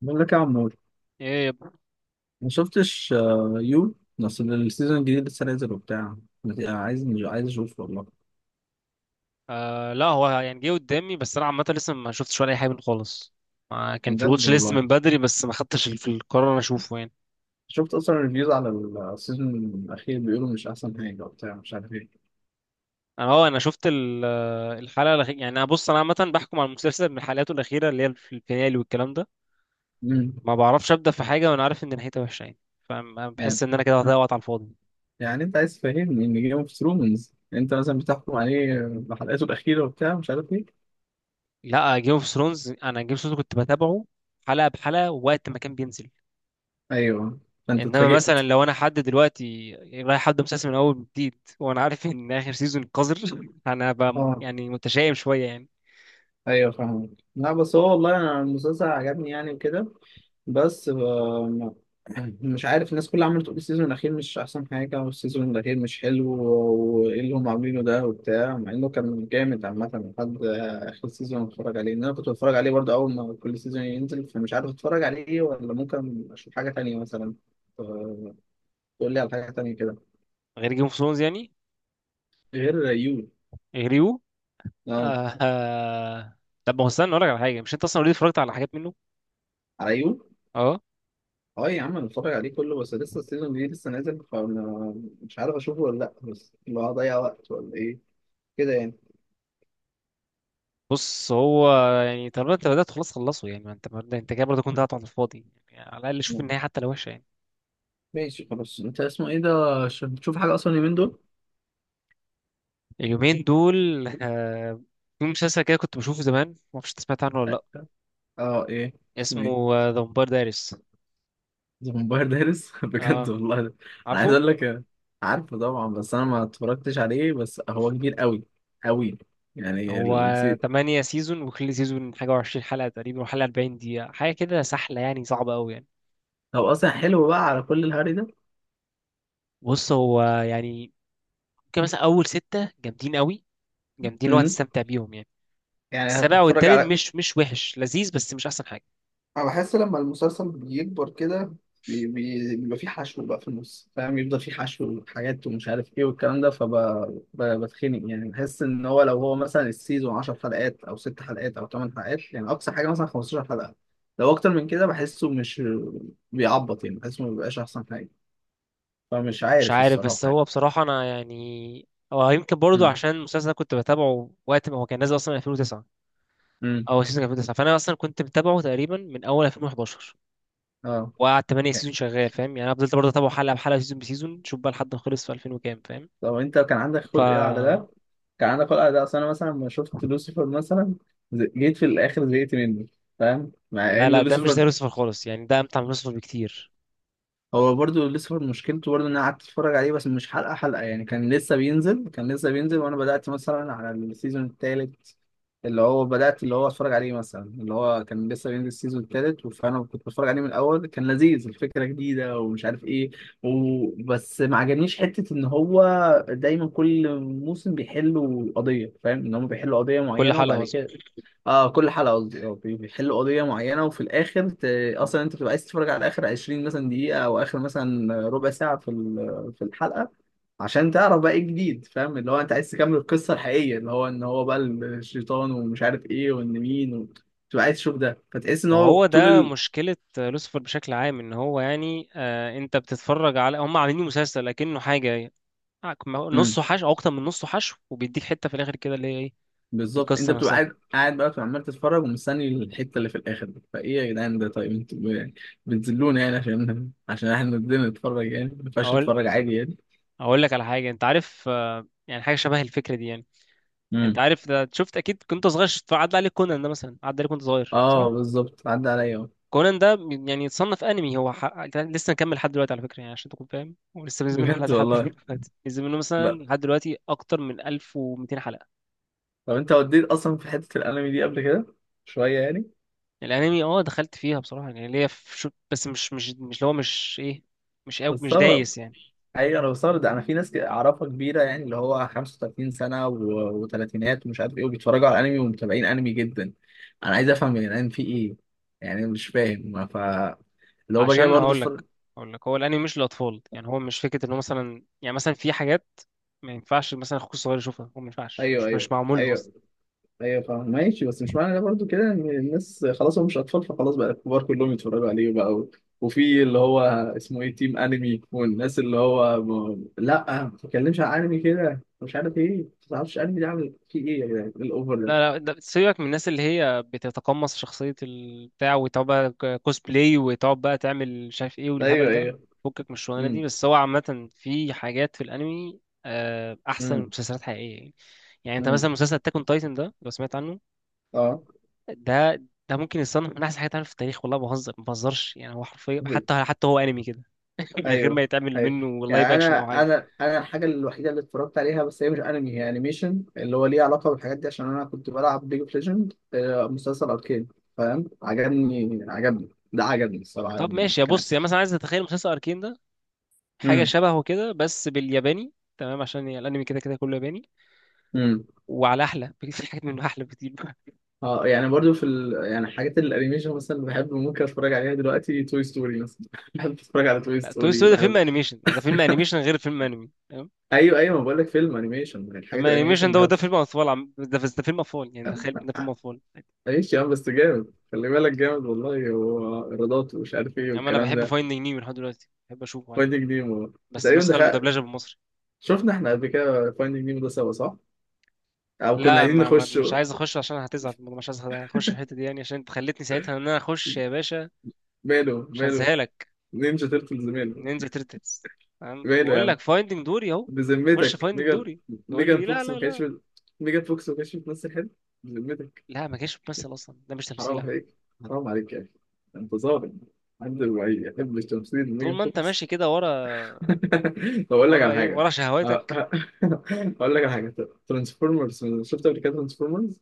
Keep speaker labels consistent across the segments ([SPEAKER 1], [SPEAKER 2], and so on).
[SPEAKER 1] بقول لك يا عمور،
[SPEAKER 2] ايه يب-
[SPEAKER 1] ما شفتش يو. اصل السيزون الجديد لسه نازل وبتاع. عايز اشوف والله.
[SPEAKER 2] آه، لا هو يعني جه قدامي، بس انا عامه لسه ما شفتش ولا اي حاجه منه خالص. آه، كان في
[SPEAKER 1] بجد
[SPEAKER 2] الواتش ليست
[SPEAKER 1] والله،
[SPEAKER 2] من بدري بس ما خدتش في القرار انا اشوفه يعني.
[SPEAKER 1] شفت اصلا ريفيوز على السيزون الاخير، بيقولوا مش احسن حاجه وبتاع مش عارف ايه.
[SPEAKER 2] انا شفت الحلقه الاخيره، يعني انا بص انا عامه بحكم على المسلسل من حلقاته الاخيره اللي هي في الفينالي والكلام ده.
[SPEAKER 1] امم
[SPEAKER 2] ما بعرفش ابدا في حاجه وانا عارف ان نهايتها وحشه يعني،
[SPEAKER 1] يعني
[SPEAKER 2] فبحس ان انا كده هضيع وقت على الفاضي.
[SPEAKER 1] يعني انت عايز تفهمني ان جيم اوف ثرونز انت مثلا بتحكم عليه بحلقاته الاخيره وبتاع مش عارف ايه؟
[SPEAKER 2] لا، جيم اوف ثرونز انا جيم اوف ثرونز كنت بتابعه حلقه بحلقه وقت ما كان بينزل.
[SPEAKER 1] ايوه، فانت
[SPEAKER 2] انما
[SPEAKER 1] اتفاجئت.
[SPEAKER 2] مثلا لو انا حد دلوقتي رايح حد مسلسل من اول جديد، وانا عارف ان اخر سيزون قذر، انا هبقى
[SPEAKER 1] اه
[SPEAKER 2] يعني متشائم شويه يعني.
[SPEAKER 1] ايوه فاهمك. لا بس هو والله انا المسلسل عجبني يعني وكده. بس ف- مش عارف، الناس كلها عماله تقول السيزون الاخير مش احسن حاجه والسيزون الاخير مش حلو، وايه اللي هم عاملينه ده وبتاع، مع انه كان جامد عامه لحد اخر سيزون اتفرج عليه، ان انا كنت بتفرج عليه برضه اول ما كل سيزون ينزل، فمش عارف اتفرج عليه ولا ممكن اشوف حاجه تانية مثلا. ف- تقول لي على حاجه تانية كده
[SPEAKER 2] غير جيم اوف ثرونز يعني،
[SPEAKER 1] غير يو.
[SPEAKER 2] غير يو.
[SPEAKER 1] اه
[SPEAKER 2] آه آه. طب ما هو استنى اقول لك على حاجه، مش انت اصلا اوريدي اتفرجت على حاجات منه؟
[SPEAKER 1] على يو.
[SPEAKER 2] اه.
[SPEAKER 1] اه يا عم انا بتفرج عليه كله، بس لسه السيزون جديد لسه نازل، فانا مش عارف اشوفه ولا لا، بس اللي هو هضيع وقت ولا ايه كده يعني.
[SPEAKER 2] بص هو يعني طالما انت بدات خلاص خلصه يعني، ما انت برضه انت كده برضه كنت قاعد على الفاضي، يعني على الاقل شوف النهايه حتى لو وحشه يعني.
[SPEAKER 1] ماشي خلاص، انت اسمه ايه ده؟ عشان بتشوف حاجة اصلا اليومين دول؟
[SPEAKER 2] اليومين دول آه، في مسلسل كده كنت بشوفه زمان، ما اعرفش انت سمعت عنه ولا لا.
[SPEAKER 1] أيوة. اه ايه اسمه ايه؟
[SPEAKER 2] اسمه ذا فامباير دايريس.
[SPEAKER 1] ذا فامباير دايرس؟ بجد
[SPEAKER 2] اه
[SPEAKER 1] والله ده. انا عايز
[SPEAKER 2] عارفه.
[SPEAKER 1] اقول لك، عارفه طبعا، بس انا ما اتفرجتش عليه، بس هو كبير قوي قوي يعني
[SPEAKER 2] هو تمانية سيزون، وكل سيزون حاجة وعشرين حلقة تقريبا، وحلقة أربعين دقيقة حاجة كده، سحلة يعني، صعبة أوي يعني.
[SPEAKER 1] هو اصلا حلو بقى على كل الهري ده؟
[SPEAKER 2] بص هو يعني ممكن مثلا أول ستة جامدين أوي، جامدين اللي هو
[SPEAKER 1] امم،
[SPEAKER 2] هتستمتع بيهم يعني.
[SPEAKER 1] يعني
[SPEAKER 2] السابع
[SPEAKER 1] هتتفرج
[SPEAKER 2] والثامن
[SPEAKER 1] على،
[SPEAKER 2] مش وحش، لذيذ بس مش أحسن حاجة.
[SPEAKER 1] انا بحس لما المسلسل بيكبر كده بيبقى فيه حشو بقى في النص، فاهم؟ يفضل فيه حشو وحاجات ومش عارف ايه والكلام ده، فبتخنق يعني، بحس ان هو لو هو مثلا السيزون 10 حلقات او 6 حلقات او 8 حلقات، يعني اقصى حاجه مثلا 15 حلقه. لو اكتر من كده بحسه مش بيعبط يعني، بحسه ما بيبقاش احسن حاجه، فمش
[SPEAKER 2] مش
[SPEAKER 1] عارف
[SPEAKER 2] عارف، بس
[SPEAKER 1] الصراحه يعني.
[SPEAKER 2] هو بصراحة أنا يعني هو يمكن برضه
[SPEAKER 1] امم.
[SPEAKER 2] عشان المسلسل ده كنت بتابعه وقت ما هو كان نازل أصلا 2009،
[SPEAKER 1] امم.
[SPEAKER 2] أو سيزون 2009. فأنا أصلا كنت متابعه تقريبا من أول 2011،
[SPEAKER 1] اه
[SPEAKER 2] وقعد 8
[SPEAKER 1] يعني.
[SPEAKER 2] سيزون شغال فاهم يعني. أنا فضلت برضه أتابعه حلقة بحلقة سيزون بسيزون، شوف بقى لحد ما خلص في 2000 وكام فاهم.
[SPEAKER 1] طب انت كان عندك
[SPEAKER 2] ف
[SPEAKER 1] خلق ايه على ده؟ كان عندك خلق ده؟ اصل انا مثلا لما شفت لوسيفر مثلا، جيت في الاخر زهقت منه، فاهم؟ مع
[SPEAKER 2] لا
[SPEAKER 1] ان
[SPEAKER 2] لا، ده مش زي
[SPEAKER 1] لوسيفر
[SPEAKER 2] لوسيفر خالص يعني، ده امتع من لوسيفر بكتير.
[SPEAKER 1] هو برضو لسه مشكلته برضو ان انا قعدت اتفرج عليه بس مش حلقه حلقه يعني، كان لسه بينزل، وانا بدات مثلا على السيزون الثالث، اللي هو بدات اللي هو اتفرج عليه مثلا اللي هو كان لسه بينزل السيزون الثالث، فانا كنت بتفرج عليه من الاول، كان لذيذ، الفكره جديده ومش عارف ايه. وبس ما عجبنيش حته ان هو دايما كل موسم بيحلوا قضيه، فاهم؟ ان هم بيحلوا قضيه
[SPEAKER 2] كل
[SPEAKER 1] معينه
[SPEAKER 2] حلقة
[SPEAKER 1] وبعد
[SPEAKER 2] أظلم.
[SPEAKER 1] كده، اه كل حلقه قصدي اه بيحلوا قضيه معينه، وفي الاخر ت... اصلا انت بتبقى عايز تتفرج على اخر 20 مثلا دقيقه او اخر مثلا ربع ساعه في في الحلقه، عشان تعرف بقى ايه الجديد، فاهم؟ اللي هو انت عايز تكمل القصه الحقيقيه اللي هو ان هو بقى الشيطان ومش عارف ايه وان مين و... بتبقى عايز تشوف ده، فتحس ان
[SPEAKER 2] ما
[SPEAKER 1] هو
[SPEAKER 2] هو
[SPEAKER 1] طول
[SPEAKER 2] ده
[SPEAKER 1] ال...
[SPEAKER 2] مشكلة لوسيفر بشكل عام، ان هو يعني، آه، انت بتتفرج على هم عاملين مسلسل لكنه حاجة،
[SPEAKER 1] امم،
[SPEAKER 2] نصه حشو او اكتر من نصه حشو، وبيديك حتة في الاخر كده اللي هي ايه؟
[SPEAKER 1] بالظبط، انت
[SPEAKER 2] القصة
[SPEAKER 1] بتبقى
[SPEAKER 2] نفسها.
[SPEAKER 1] قاعد بقى، بتبقى عمال تتفرج ومستني الحته اللي في الاخر دي. فايه يا جدعان ده؟ طيب انتوا بتذلونا يعني، عشان احنا بدنا نتفرج؟ يعني ما ينفعش
[SPEAKER 2] اقول
[SPEAKER 1] نتفرج عادي؟
[SPEAKER 2] اقول لك على حاجة، انت عارف آه يعني حاجة شبه الفكرة دي يعني. انت
[SPEAKER 1] يعني،
[SPEAKER 2] عارف ده شفت اكيد كنت صغير، شفت عدى عليك كونان ده مثلا، عدى عليك كنت صغير
[SPEAKER 1] اه
[SPEAKER 2] صح؟
[SPEAKER 1] بالظبط عدى عليا اهو.
[SPEAKER 2] كونان ده يعني يتصنف انمي، لسه مكمل لحد دلوقتي على فكره، يعني عشان تكون فاهم، ولسه بينزل منه حلقات
[SPEAKER 1] بجد
[SPEAKER 2] لحد
[SPEAKER 1] والله؟
[SPEAKER 2] دلوقتي، بينزل منه
[SPEAKER 1] لا.
[SPEAKER 2] مثلا لحد دلوقتي اكتر من 1200 حلقه.
[SPEAKER 1] طب انت وديت اصلا في حته الانمي دي قبل كده شويه يعني؟
[SPEAKER 2] الانمي اه دخلت فيها بصراحه يعني، ليا في بس مش اللي هو مش ايه، مش
[SPEAKER 1] بستغرب.
[SPEAKER 2] دايس يعني.
[SPEAKER 1] ايوه انا بستغرب ده، انا في ناس كده اعرفها كبيره يعني اللي هو 35 سنه و- وثلاثينات ومش عارف ايه، وبيتفرجوا على انمي ومتابعين انمي جدا. انا عايز افهم يا جدعان في ايه يعني، أنا مش فاهم، ف اللي هو باجي
[SPEAKER 2] عشان
[SPEAKER 1] برضه
[SPEAKER 2] هقول لك،
[SPEAKER 1] اتفرج.
[SPEAKER 2] هو الانمي مش للاطفال يعني، هو مش فكره انه مثلا يعني مثلا في حاجات ما ينفعش مثلا اخوك الصغير يشوفها، هو ما ينفعش
[SPEAKER 1] ايوه،
[SPEAKER 2] مش
[SPEAKER 1] ايوه،
[SPEAKER 2] معمول له اصلا.
[SPEAKER 1] ايوه. ايوه فاهم ماشي، بس مش معنى ده برضو كده ان الناس خلاص هم مش اطفال فخلاص بقى الكبار كلهم يتفرجوا عليه بقى و... وفي اللي هو اسمه ايه تيم انمي، والناس اللي هو م... لا ما تتكلمش عن انمي كده مش عارف ايه، ما تعرفش انمي ده عامل فيه ايه، يا جدعان إيه الاوفر ده؟
[SPEAKER 2] لا لا، ده سيبك من الناس اللي هي بتتقمص شخصية البتاع وتقعد بقى كوسبلاي، وتقعد بقى تعمل مش عارف ايه والهبل
[SPEAKER 1] ايوه
[SPEAKER 2] ده.
[SPEAKER 1] ايوه.
[SPEAKER 2] فكك من الشغلانة
[SPEAKER 1] امم.
[SPEAKER 2] دي، بس هو عامة في حاجات في الأنمي، آه، أحسن من
[SPEAKER 1] امم.
[SPEAKER 2] مسلسلات حقيقية يعني. يعني أنت
[SPEAKER 1] امم.
[SPEAKER 2] مثلا مسلسل أتاك أون تايتن ده لو سمعت عنه،
[SPEAKER 1] اه،
[SPEAKER 2] ده ده ممكن يصنف من أحسن حاجات اتعملت في التاريخ، والله ما بهزرش يعني. هو حرفيا حتى هو أنمي كده من غير ما
[SPEAKER 1] ايوه
[SPEAKER 2] يتعمل
[SPEAKER 1] ايوه،
[SPEAKER 2] منه لايف
[SPEAKER 1] يعني
[SPEAKER 2] أكشن أو حاجة.
[SPEAKER 1] انا الحاجه الوحيده اللي اتفرجت عليها بس هي مش انمي، هي انيميشن، اللي هو ليه علاقه بالحاجات دي، عشان انا كنت بلعب ليج اوف ليجند، مسلسل اركين، فاهم؟ عجبني، ده عجبني الصراحه.
[SPEAKER 2] طب ماشي يا
[SPEAKER 1] كان،
[SPEAKER 2] بص يا مثلا، عايز تتخيل مسلسل أركين ده حاجة
[SPEAKER 1] امم.
[SPEAKER 2] شبهه كده بس بالياباني، تمام؟ عشان الانمي كده كله ياباني،
[SPEAKER 1] امم.
[SPEAKER 2] وعلى احلى بكتير، في حاجات منه احلى بكتير بقى.
[SPEAKER 1] اه يعني برضو في ال... يعني حاجات الانيميشن مثلا اللي بحب ممكن اتفرج عليها دلوقتي، توي ستوري مثلا بحب اتفرج على توي
[SPEAKER 2] لا، توي
[SPEAKER 1] ستوري،
[SPEAKER 2] ستوري ده فيلم
[SPEAKER 1] بحب.
[SPEAKER 2] انيميشن، يعني ده فيلم انيميشن غير فيلم انمي، تمام؟
[SPEAKER 1] ايوه ايوه، ما بقول لك فيلم انيميشن،
[SPEAKER 2] فيلم
[SPEAKER 1] الحاجات الانيميشن
[SPEAKER 2] انيميشن ده،
[SPEAKER 1] بحب.
[SPEAKER 2] وده فيلم اطفال، ده فيلم اطفال، يعني تخيل ده فيلم اطفال.
[SPEAKER 1] ايش يا عم بس جامد، خلي بالك جامد والله، ورادات ومش عارف ايه
[SPEAKER 2] يعني انا
[SPEAKER 1] والكلام
[SPEAKER 2] بحب
[SPEAKER 1] ده.
[SPEAKER 2] فايندينج نيمو لحد دلوقتي، بحب اشوفه عادي،
[SPEAKER 1] فايندينج نيمو
[SPEAKER 2] بس
[SPEAKER 1] تقريبا
[SPEAKER 2] النسخة
[SPEAKER 1] دخل،
[SPEAKER 2] المدبلجة بالمصري.
[SPEAKER 1] شفنا احنا قبل كده فايندينج نيمو ده سوا، صح؟ او كنا
[SPEAKER 2] لا
[SPEAKER 1] عايزين
[SPEAKER 2] ما... ما...
[SPEAKER 1] نخش؟
[SPEAKER 2] مش عايز اخش عشان هتزعل، مش عايز اخش في الحتة دي يعني، عشان انت خلتني ساعتها ان انا اخش يا باشا.
[SPEAKER 1] ماله؟
[SPEAKER 2] مش
[SPEAKER 1] ماله؟
[SPEAKER 2] هنساهالك.
[SPEAKER 1] نينجا تيرتلز ماله؟
[SPEAKER 2] نينجا تيرتلز. تمام،
[SPEAKER 1] ماله يا
[SPEAKER 2] بقول
[SPEAKER 1] عم؟
[SPEAKER 2] لك فايندينج دوري اهو، خش
[SPEAKER 1] بذمتك،
[SPEAKER 2] فايندينج
[SPEAKER 1] ميجان.
[SPEAKER 2] دوري، تقول
[SPEAKER 1] ميجان
[SPEAKER 2] لي لا
[SPEAKER 1] فوكس ما
[SPEAKER 2] لا
[SPEAKER 1] كانتش
[SPEAKER 2] لا.
[SPEAKER 1] ميجان فوكس ما كانتش بتمثل حلو؟ بذمتك!
[SPEAKER 2] لا، ما كانش بتمثل اصلا، ده مش تمثيل
[SPEAKER 1] حرام
[SPEAKER 2] يا عم.
[SPEAKER 1] عليك، حرام عليك يا اخي، انت ظالم، عند الوعي يحب التمثيل
[SPEAKER 2] طول
[SPEAKER 1] ميجان
[SPEAKER 2] ما انت
[SPEAKER 1] فوكس.
[SPEAKER 2] ماشي كده ورا،
[SPEAKER 1] طب اقول لك
[SPEAKER 2] ورا
[SPEAKER 1] على
[SPEAKER 2] ايه؟
[SPEAKER 1] حاجه.
[SPEAKER 2] ورا
[SPEAKER 1] أه-
[SPEAKER 2] شهواتك.
[SPEAKER 1] أه- اقول لك على حاجه، ترانسفورمرز شفت قبل كده؟ ترانسفورمرز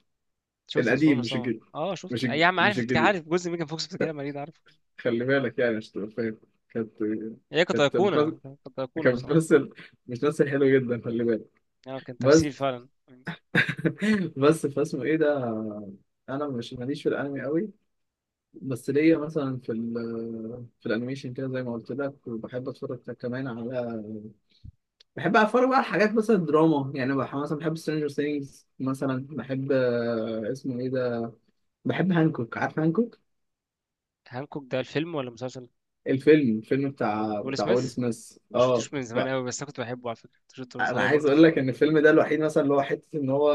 [SPEAKER 2] شفت
[SPEAKER 1] القديم
[SPEAKER 2] ترانسفورمرز
[SPEAKER 1] مش
[SPEAKER 2] طبعا،
[SPEAKER 1] الجديد،
[SPEAKER 2] اه شفت،
[SPEAKER 1] مش
[SPEAKER 2] اي
[SPEAKER 1] الجديد،
[SPEAKER 2] عم،
[SPEAKER 1] مش
[SPEAKER 2] عارف
[SPEAKER 1] الجديد،
[SPEAKER 2] عارف جزء ميجان فوكس بتتكلم عليه ده، عارف.
[SPEAKER 1] خلي بالك يعني مش تبقى فاهم. كانت،
[SPEAKER 2] هي كانت
[SPEAKER 1] كانت
[SPEAKER 2] ايقونه،
[SPEAKER 1] بتمثل،
[SPEAKER 2] كانت ايقونه
[SPEAKER 1] كانت
[SPEAKER 2] بصراحه،
[SPEAKER 1] بتمثل، بتمثل حلو جدا خلي بالك.
[SPEAKER 2] يعني كان
[SPEAKER 1] بس
[SPEAKER 2] تمثيل فعلا.
[SPEAKER 1] بس فاسمه ايه ده. انا مش ماليش في الانمي قوي، بس ليا مثلا في الانيميشن كده زي ما قلت لك، وبحب اتفرج كمان على، بحب اتفرج بقى على حاجات مثلا دراما يعني، مثلا بحب سترينجر ثينجز، مثلا بحب اسمه ايه ده، بحب هانكوك، عارف هانكوك؟
[SPEAKER 2] هانكوك ده الفيلم ولا مسلسل؟
[SPEAKER 1] الفيلم، الفيلم بتاع
[SPEAKER 2] ويل
[SPEAKER 1] ويل
[SPEAKER 2] سميث،
[SPEAKER 1] سميث، اه.
[SPEAKER 2] شفتوش من زمان قوي، بس انا كنت بحبه على فكره، كنت شفته وانا
[SPEAKER 1] انا
[SPEAKER 2] صغير
[SPEAKER 1] عايز
[SPEAKER 2] برضه.
[SPEAKER 1] اقول لك ان الفيلم ده الوحيد مثلا اللي هو حته ان هو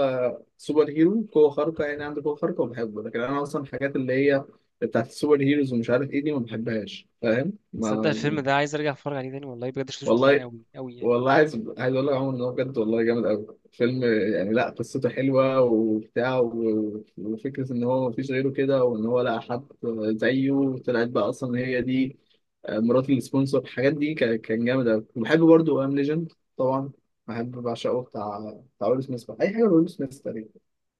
[SPEAKER 1] سوبر هيرو قوه خارقه يعني، عنده قوه خارقه وبحبه، لكن انا اصلا الحاجات اللي هي بتاعت السوبر هيروز ومش عارف ايه دي ما بحبهاش، فاهم؟
[SPEAKER 2] تصدق
[SPEAKER 1] ما
[SPEAKER 2] الفيلم ده عايز ارجع اتفرج عليه تاني والله بجد، شفتوش من زمان
[SPEAKER 1] والله.
[SPEAKER 2] قوي قوي يعني.
[SPEAKER 1] والله عايز اقول لك يا عمر ان هو بجد والله جامد قوي فيلم، يعني لا قصته حلوه وبتاع وفكره ان هو مفيش غيره كده، وان هو لقى حد زيه طلعت بقى اصلا هي دي مرات السبونسر، الحاجات دي كان جامد قوي، وبحب برضه ام ليجند طبعا، بحب بعشقه، بتاع ويل سميث بقى. اي حاجه ويل سميث تقريبا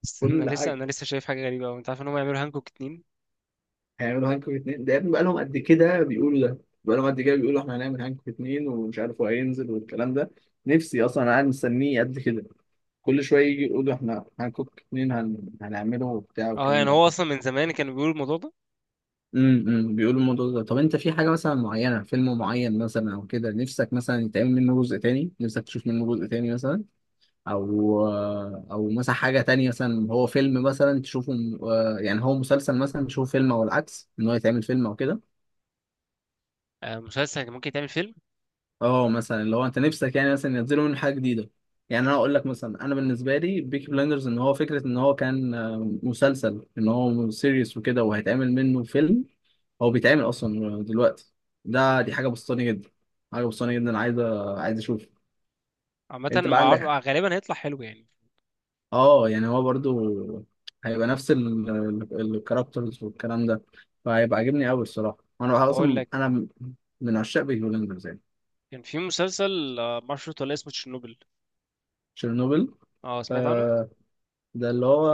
[SPEAKER 2] استنى،
[SPEAKER 1] كل
[SPEAKER 2] انا لسه
[SPEAKER 1] حاجه.
[SPEAKER 2] انا لسه شايف حاجه غريبه قوي، انت عارف ان هم يعملوا هانكوك اتنين؟
[SPEAKER 1] هيعملوا هانكوك اتنين ده؟ يا ابني بقى لهم قد كده بيقولوا ده، بقى لهم قد كده بيقولوا احنا هنعمل هانكوك اتنين ومش عارف هو هينزل والكلام ده. نفسي اصلا انا قاعد مستنيه قد كده، كل شويه يجي يقولوا احنا هنكوك اتنين هنعمله وبتاع
[SPEAKER 2] اه
[SPEAKER 1] والكلام
[SPEAKER 2] يعني
[SPEAKER 1] ده.
[SPEAKER 2] هو اصلا من زمان كانوا بيقولوا الموضوع ده.
[SPEAKER 1] امم، بيقولوا الموضوع ده. طب انت في حاجه مثلا معينه، فيلم معين مثلا او كده، نفسك مثلا يتعمل منه جزء تاني، نفسك تشوف منه جزء تاني مثلا، او مثلا حاجه تانية مثلا، هو فيلم مثلا تشوفه يعني هو مسلسل مثلا تشوفه فيلم، او العكس ان هو يتعمل فيلم او كده.
[SPEAKER 2] آه، مسلسل كان ممكن يتعمل فيلم.
[SPEAKER 1] اه مثلا لو انت نفسك يعني مثلا ينزلوا منه حاجه جديده، يعني انا اقول لك مثلا، انا بالنسبه لي بيكي بلاندرز ان هو فكره ان هو كان مسلسل ان هو سيريس وكده وهيتعمل منه فيلم، هو بيتعمل اصلا دلوقتي، ده دي حاجه بسطاني جدا، حاجه بسطاني جدا انا عايز اشوف.
[SPEAKER 2] عامه
[SPEAKER 1] انت بقى
[SPEAKER 2] ما اعرف،
[SPEAKER 1] عندك،
[SPEAKER 2] آه، غالبا هيطلع حلو يعني.
[SPEAKER 1] اه يعني هو برضو هيبقى نفس ال الكاركترز والكلام ده، فهيبقى عاجبني قوي الصراحه، وانا
[SPEAKER 2] هقول
[SPEAKER 1] اصلا
[SPEAKER 2] لك،
[SPEAKER 1] انا من عشاق بيكي بلاندرز يعني.
[SPEAKER 2] كان في مسلسل، آه، ما اعرفش شفته ولا، اسمه تشيرنوبل.
[SPEAKER 1] تشيرنوبل،
[SPEAKER 2] اه سمعت عنه.
[SPEAKER 1] ده اللي هو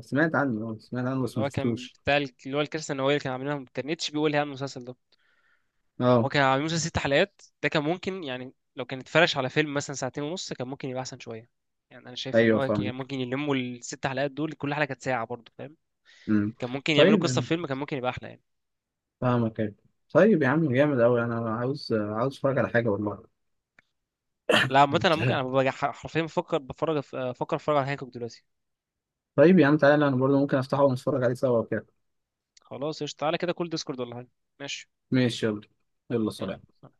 [SPEAKER 1] سمعت عنه، اه سمعت عنه بس
[SPEAKER 2] اللي
[SPEAKER 1] ما
[SPEAKER 2] هو كان
[SPEAKER 1] شفتوش.
[SPEAKER 2] بتاع اللي هو الكارثه النوويه اللي كان عاملينها، كان اتش بي هو اللي عامل المسلسل ده. هو
[SPEAKER 1] اه
[SPEAKER 2] كان عامل مسلسل ست حلقات، ده كان ممكن يعني لو كان اتفرش على فيلم مثلا ساعتين ونص كان ممكن يبقى احسن شويه. يعني انا شايف ان
[SPEAKER 1] ايوه
[SPEAKER 2] هو كان
[SPEAKER 1] فاهمك.
[SPEAKER 2] ممكن يلموا الست حلقات دول، كل حلقه كانت ساعه برضه فاهم.
[SPEAKER 1] امم.
[SPEAKER 2] كان ممكن يعملوا
[SPEAKER 1] طيب
[SPEAKER 2] قصه في
[SPEAKER 1] يعني،
[SPEAKER 2] فيلم كان ممكن يبقى احلى يعني.
[SPEAKER 1] فاهمك ايوه. طيب يا عم جامد قوي، انا عاوز اتفرج على حاجه والله.
[SPEAKER 2] لا عامة انا ممكن انا ببقى حرفيا بفكر بفرج، آه، بفكر اتفرج على هانكوك دلوقتي.
[SPEAKER 1] طيب يا عم تعالى، انا برضه ممكن افتحه ونتفرج عليه سوا وكده.
[SPEAKER 2] خلاص قشطة، تعالى كده كل ديسكورد ولا حاجة. ماشي،
[SPEAKER 1] ماشي، يلا. يلا سلام.
[SPEAKER 2] يلا.